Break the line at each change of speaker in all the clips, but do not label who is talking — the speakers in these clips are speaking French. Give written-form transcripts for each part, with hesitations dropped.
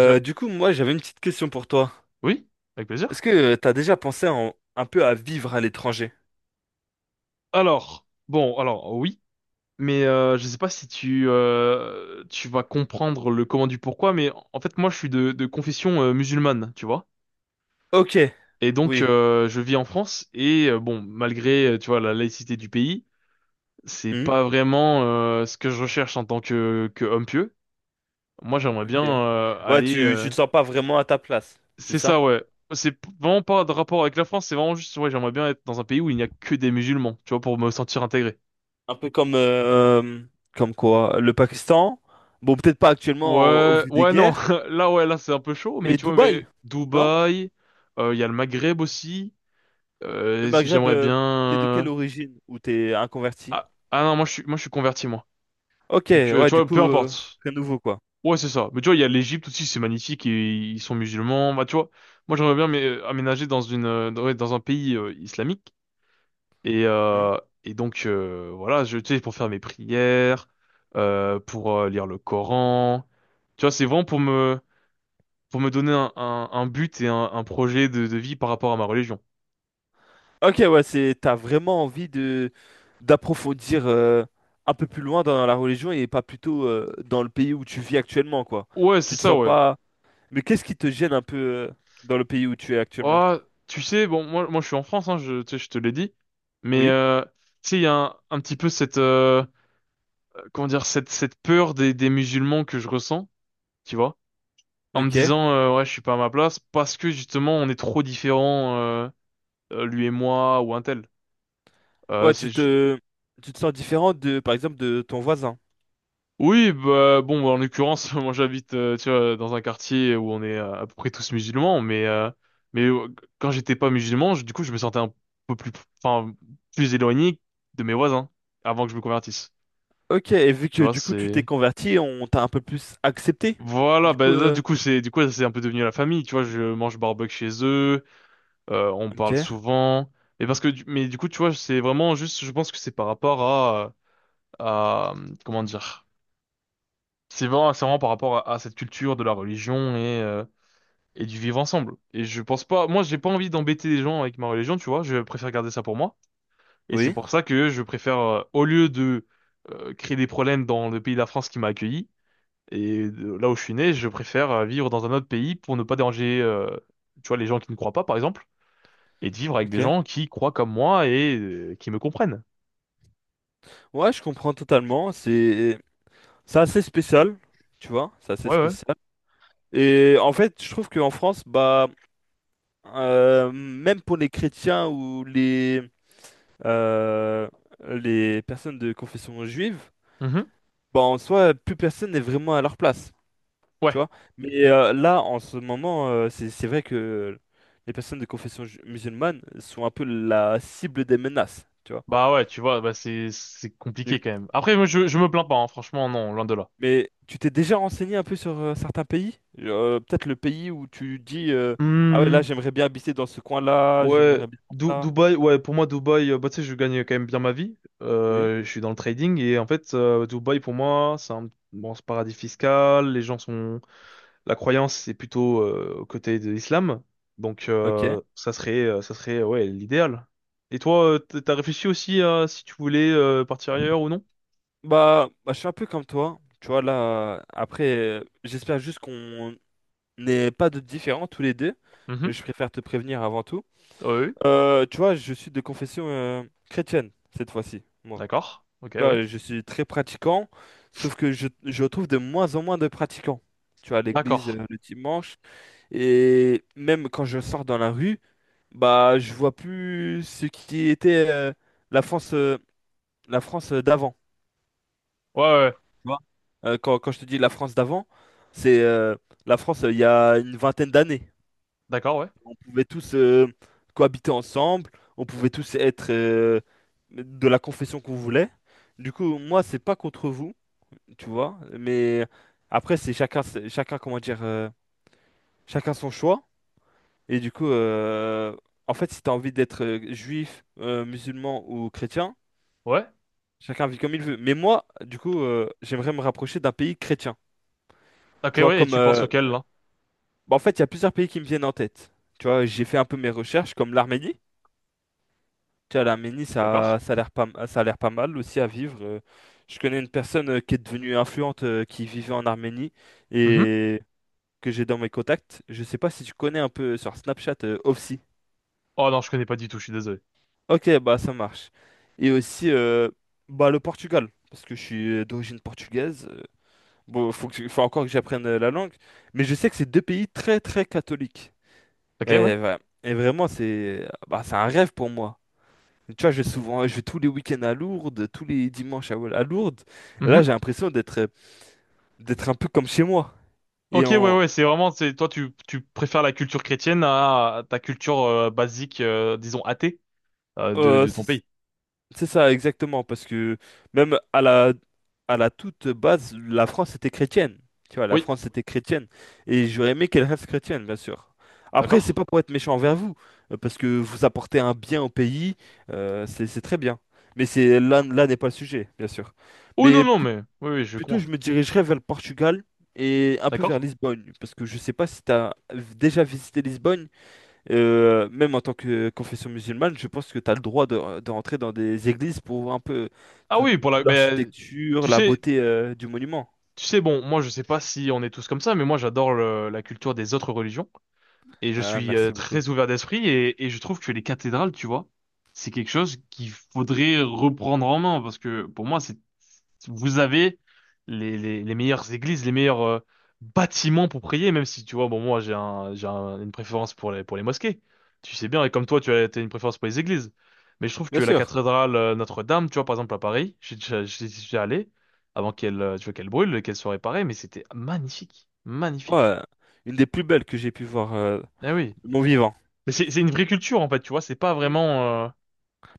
Je-
du coup, moi, j'avais une petite question pour toi.
Oui, avec plaisir.
Est-ce que tu t'as déjà pensé un peu à vivre à l'étranger?
Alors, bon, alors oui, mais je sais pas si tu vas comprendre le comment du pourquoi, mais en fait moi je suis de confession musulmane, tu vois.
Ok,
Et donc
oui.
je vis en France et bon, malgré tu vois la laïcité du pays, c'est
Hmm,
pas vraiment ce que je recherche en tant que homme pieux. Moi j'aimerais
ok.
bien
Ouais,
aller.
tu te sens pas vraiment à ta place, c'est
C'est
ça?
ça ouais. Vraiment pas de rapport avec la France, c'est vraiment juste ouais j'aimerais bien être dans un pays où il n'y a que des musulmans, tu vois, pour me sentir intégré.
Un peu comme, comme quoi, le Pakistan. Bon, peut-être pas actuellement au
Ouais,
vu des
ouais, non.
guerres,
Là, ouais, là, c'est un peu chaud, mais
mais
tu vois,
Dubaï,
mais
non?
Dubaï, il y a le Maghreb aussi.
Le Maghreb,
J'aimerais bien.
t'es de
euh,
quelle origine? Ou t'es un converti?
Ah, ah non, moi, je suis converti, moi.
Ok,
Donc,
ouais,
tu
du
vois,
coup,
peu
c'est
importe.
très nouveau, quoi.
Ouais, c'est ça. Mais tu vois, il y a l'Égypte aussi, c'est magnifique, et ils sont musulmans. Bah, tu vois, moi, j'aimerais bien mais, aménager dans dans, ouais, dans un pays islamique. Et,
Hmm.
donc, voilà, tu sais, pour faire mes prières, pour lire le Coran. Tu vois, c'est vraiment pour me donner un but et un projet de vie par rapport à ma religion.
Ok, ouais, t'as vraiment envie de d'approfondir un peu plus loin dans la religion et pas plutôt dans le pays où tu vis actuellement, quoi.
Ouais, c'est
Tu te
ça,
sens
ouais.
pas... Mais qu'est-ce qui te gêne un peu dans le pays où tu es actuellement?
Ah, tu sais, bon, moi, je suis en France, hein, tu sais, je te l'ai dit, mais
Oui,
tu sais, il y a un petit peu cette, comment dire, cette peur des musulmans que je ressens, tu vois, en me
ok.
disant, ouais, je suis pas à ma place parce que justement, on est trop différents, lui et moi ou un tel. Euh,
Ouais,
c'est,
tu te sens différent de, par exemple, de ton voisin.
Oui, bah bon, en l'occurrence, moi j'habite tu vois, dans un quartier où on est à peu près tous musulmans, mais quand j'étais pas musulman, du coup, je me sentais un peu plus, enfin, plus éloigné de mes voisins avant que je me convertisse.
Ok, et vu
Tu
que
vois,
du coup tu t'es
c'est
converti, on t'a un peu plus accepté.
voilà,
Du
bah
coup,
là, du coup c'est un peu devenu la famille. Tu vois, je mange barbecue chez eux, on parle
ok,
souvent, et parce que mais du coup tu vois, c'est vraiment juste, je pense que c'est par rapport à comment dire. C'est vraiment par rapport à cette culture de la religion et du vivre ensemble. Et je pense pas, moi j'ai pas envie d'embêter les gens avec ma religion, tu vois, je préfère garder ça pour moi. Et c'est
oui,
pour ça que je préfère, au lieu de créer des problèmes dans le pays de la France qui m'a accueilli, et là où je suis né, je préfère vivre dans un autre pays pour ne pas déranger, tu vois, les gens qui ne croient pas, par exemple, et de vivre avec des
ok.
gens qui croient comme moi et qui me comprennent.
Ouais, je comprends totalement. C'est assez spécial, tu vois, c'est assez
Ouais, ouais.
spécial. Et en fait, je trouve qu'en France, bah, même pour les chrétiens ou euh, les personnes de confession juive,
Mhm.
bah, en soi, plus personne n'est vraiment à leur place, tu
Ouais.
vois. Mais là, en ce moment, c'est vrai que les personnes de confession musulmane sont un peu la cible des menaces, tu vois.
Bah ouais, tu vois, bah c'est
Du-
compliqué quand même. Après, moi je me plains pas, hein, franchement, non, loin de là.
Mais tu t'es déjà renseigné un peu sur certains pays? Peut-être le pays où tu dis, ah ouais, là,
Hmm.
j'aimerais bien habiter dans ce coin-là,
Ouais,
j'aimerais bien faire ça.
Dubaï, ouais, pour moi, Dubaï, bah, tu sais, je gagne quand même bien ma vie.
Oui,
Je suis dans le trading et en fait, Dubaï, pour moi, c'est un bon c'est paradis fiscal. Les gens sont. La croyance, c'est plutôt au côté de l'islam. Donc,
ok.
ça serait ouais, l'idéal. Et toi, t'as réfléchi aussi à si tu voulais partir ailleurs ou non?
Bah, je suis un peu comme toi. Tu vois, là, après, j'espère juste qu'on n'est pas de différents tous les deux.
Mhm.
Je préfère te prévenir avant tout.
Ouais, ouais.
Tu vois, je suis de confession chrétienne cette fois-ci, moi.
D'accord. Ok,
Tu
ouais.
vois, je suis très pratiquant, sauf que je trouve de moins en moins de pratiquants. Tu vois, à l'église
D'accord.
le dimanche, et même quand je sors dans la rue, bah, je vois plus ce qui était la France, euh, la France d'avant,
Ouais, ouais.
tu vois. Quand je te dis la France d'avant, c'est la France il y a une vingtaine d'années.
D'accord, ouais.
On pouvait tous cohabiter ensemble, on pouvait tous être de la confession qu'on voulait. Du coup, moi, c'est pas contre vous, tu vois, mais après, chacun, comment dire, chacun son choix. Et du coup, en fait, si t'as envie d'être juif, musulman ou chrétien,
Ouais.
chacun vit comme il veut. Mais moi, du coup, j'aimerais me rapprocher d'un pays chrétien.
Ok,
Tu vois,
ouais. Et
comme,
tu penses auquel, là?
bah, en fait, il y a plusieurs pays qui me viennent en tête. Tu vois, j'ai fait un peu mes recherches, comme l'Arménie. Tu vois, l'Arménie,
D'accord.
ça a l'air pas mal aussi à vivre. Je connais une personne qui est devenue influente, qui vivait en Arménie
Mhm.
et que j'ai dans mes contacts. Je sais pas si tu connais un peu sur Snapchat, Ofsi.
Oh non, je connais pas du tout, je suis désolé.
Ok, bah ça marche. Et aussi, bah le Portugal, parce que je suis d'origine portugaise. Bon, faut encore que j'apprenne la langue, mais je sais que c'est deux pays très très catholiques.
Ok, ouais.
Et voilà. Et vraiment, c'est bah, c'est un rêve pour moi. Tu vois, je vais tous les week-ends à Lourdes, tous les dimanches à Lourdes. Et là,
Mhm.
j'ai l'impression d'être un peu comme chez moi. Et
Ok, ouais,
en,
ouais, c'est toi, tu préfères la culture chrétienne à ta culture basique, disons athée, de,
euh,
de ton
c-
pays.
C'est ça, exactement, parce que même à la toute base, la France était chrétienne. Tu vois, la
Oui,
France était chrétienne. Et j'aurais aimé qu'elle reste chrétienne, bien sûr. Après, c'est
d'accord.
pas pour être méchant envers vous, parce que vous apportez un bien au pays, c'est très bien. Mais là n'est pas le sujet, bien sûr.
Oh non,
Mais
non,
pl-
mais oui, oui, je
Plutôt,
comprends.
je me dirigerais vers le Portugal et un peu
D'accord.
vers Lisbonne, parce que je sais pas si tu as déjà visité Lisbonne, même en tant que confession musulmane, je pense que tu as le droit de rentrer dans des églises pour voir un peu
Ah oui,
tout
mais
l'architecture,
tu
la
sais,
beauté du monument.
tu sais, bon, moi, je sais pas si on est tous comme ça, mais moi, j'adore la culture des autres religions. Et je
Ah,
suis
merci beaucoup.
très ouvert d'esprit et je trouve que les cathédrales, tu vois, c'est quelque chose qu'il faudrait reprendre en main parce que pour moi, c'est vous avez les meilleures églises, les meilleurs bâtiments pour prier, même si tu vois, bon, moi j'ai une préférence pour les mosquées. Tu sais bien, et comme toi, tu as t'as une préférence pour les églises. Mais je trouve
Bien
que la
sûr.
cathédrale Notre-Dame, tu vois, par exemple à Paris, j'y suis déjà allé avant qu'elle, tu vois, qu'elle brûle, qu'elle soit réparée, mais c'était magnifique, magnifique.
Ouais, une des plus belles que j'ai pu voir
Ah oui.
de mon vivant.
Mais c'est une vraie culture en fait, tu vois, c'est pas
Mm.
vraiment.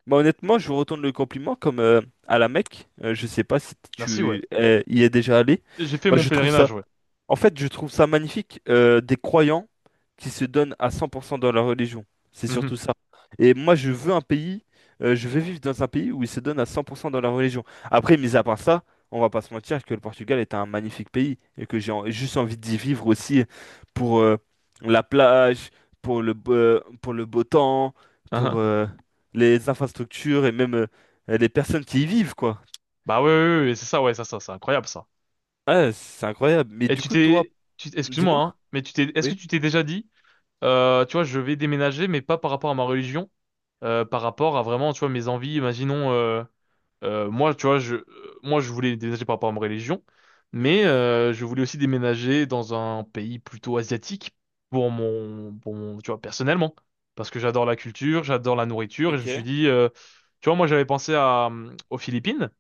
Bah, honnêtement, je vous retourne le compliment comme à la Mecque. Euh, je sais pas si
Merci, ouais.
tu y es déjà allé.
J'ai fait
Bah,
mon
je trouve ça.
pèlerinage, ouais.
En fait, je trouve ça magnifique, des croyants qui se donnent à 100% dans leur religion. C'est
Mhm.
surtout ça. Et moi, je veux un pays, je veux vivre dans un pays où ils se donnent à 100% dans leur religion. Après, mis à part ça, on va pas se mentir que le Portugal est un magnifique pays et que juste envie d'y vivre aussi pour la plage, pour le beau temps, pour
Ahin.
les infrastructures et même les personnes qui y vivent, quoi.
Bah ouais, ouais, ouais, ouais, c'est ça, ouais, ça, c'est incroyable ça.
Ouais, c'est incroyable. Mais
Et
du
tu
coup, toi,
t'es, tu, excuse-moi,
dis-moi.
hein, mais tu t'es, est-ce que
Oui.
tu t'es déjà dit, tu vois, je vais déménager, mais pas par rapport à ma religion, par rapport à vraiment, tu vois, mes envies. Imaginons. Moi, tu vois, moi, je voulais déménager par rapport à ma religion,
Hmm,
mais je voulais aussi déménager dans un pays plutôt asiatique pour mon, tu vois, personnellement, parce que j'adore la culture, j'adore la nourriture, et je me suis
ok.
dit, tu vois, moi, j'avais pensé aux Philippines,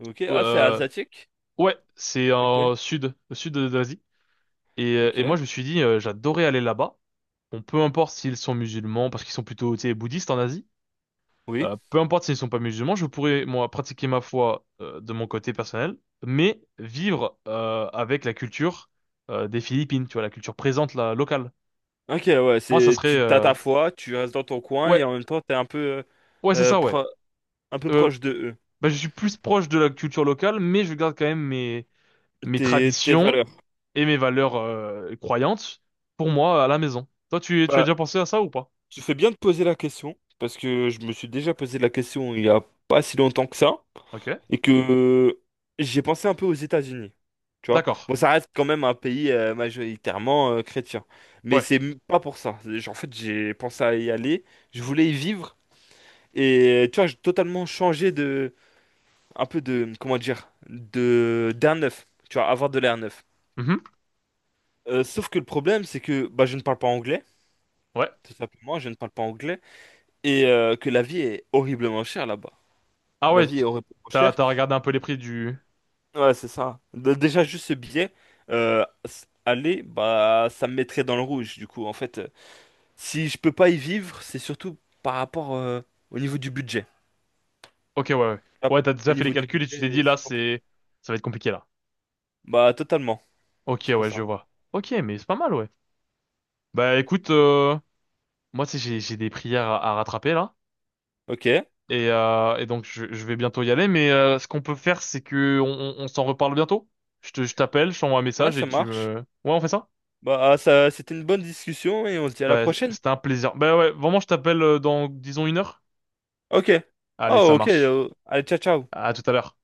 Ok, ah, c'est
euh,
asiatique.
ouais, c'est
Ok,
en sud, au sud de l'Asie, et moi,
ok.
je me suis dit, j'adorais aller là-bas. Bon, peu importe s'ils sont musulmans, parce qu'ils sont plutôt, tu sais, bouddhistes en Asie.
Oui.
Peu importe s'ils sont pas musulmans, je pourrais, moi, pratiquer ma foi de mon côté personnel, mais vivre avec la culture des Philippines, tu vois, la culture présente, la locale.
Ok, ouais,
Moi,
c'est tu t'as ta foi, tu restes dans ton coin
ouais,
et en même temps t'es un peu
ouais, c'est
euh,
ça, ouais.
pro- un peu
Euh,
proche de eux,
bah, je suis plus proche de la culture locale, mais je garde quand même mes
tes tes
traditions
valeurs.
et mes valeurs croyantes pour moi à la maison. Toi, tu as
Bah,
déjà pensé à ça ou pas?
tu fais bien de poser la question parce que je me suis déjà posé la question il y a pas si longtemps que ça
Ok,
et que j'ai pensé un peu aux États-Unis. Tu vois?
d'accord.
Bon, ça reste quand même un pays majoritairement chrétien, mais
Ouais.
c'est pas pour ça. En fait, j'ai pensé à y aller, je voulais y vivre. Et tu vois, j'ai totalement changé un peu comment dire, d'air neuf. Tu vois, avoir de l'air neuf.
Mhm.
Sauf que le problème, c'est que bah, je ne parle pas anglais,
Ouais.
tout simplement, je ne parle pas anglais, et que la vie est horriblement chère là-bas.
Ah
La
ouais,
vie
t-
est horriblement
t'as,
chère.
t'as regardé un peu les prix du.
Ouais, c'est ça. Déjà, juste ce billet, aller, bah, ça me mettrait dans le rouge. Du coup, en fait, si je peux pas y vivre, c'est surtout par rapport au niveau du budget.
Ok, ouais, ouais.
Hop.
Ouais, t'as
Au
déjà fait les
niveau du
calculs et tu t'es
budget,
dit, là,
c'est compliqué.
c'est. Ça va être compliqué, là.
Bah, totalement.
Ok,
C'est pour
ouais, je
ça.
vois. Ok, mais c'est pas mal, ouais. Bah, écoute, moi, tu sais, j'ai des prières à rattraper, là.
Ok.
Et donc, je vais bientôt y aller. Mais ce qu'on peut faire, c'est que on s'en reparle bientôt. Je t'appelle, je t'envoie un
Ouais,
message et
ça
tu
marche.
me. Ouais, on fait ça?
Bah, ça, c'était une bonne discussion et on se dit à la
Bah,
prochaine.
c'était un plaisir. Bah ouais, vraiment, je t'appelle dans, disons, une heure.
Ok.
Allez, ça
Oh, ok.
marche.
Euh, allez, ciao, ciao.
À tout à l'heure.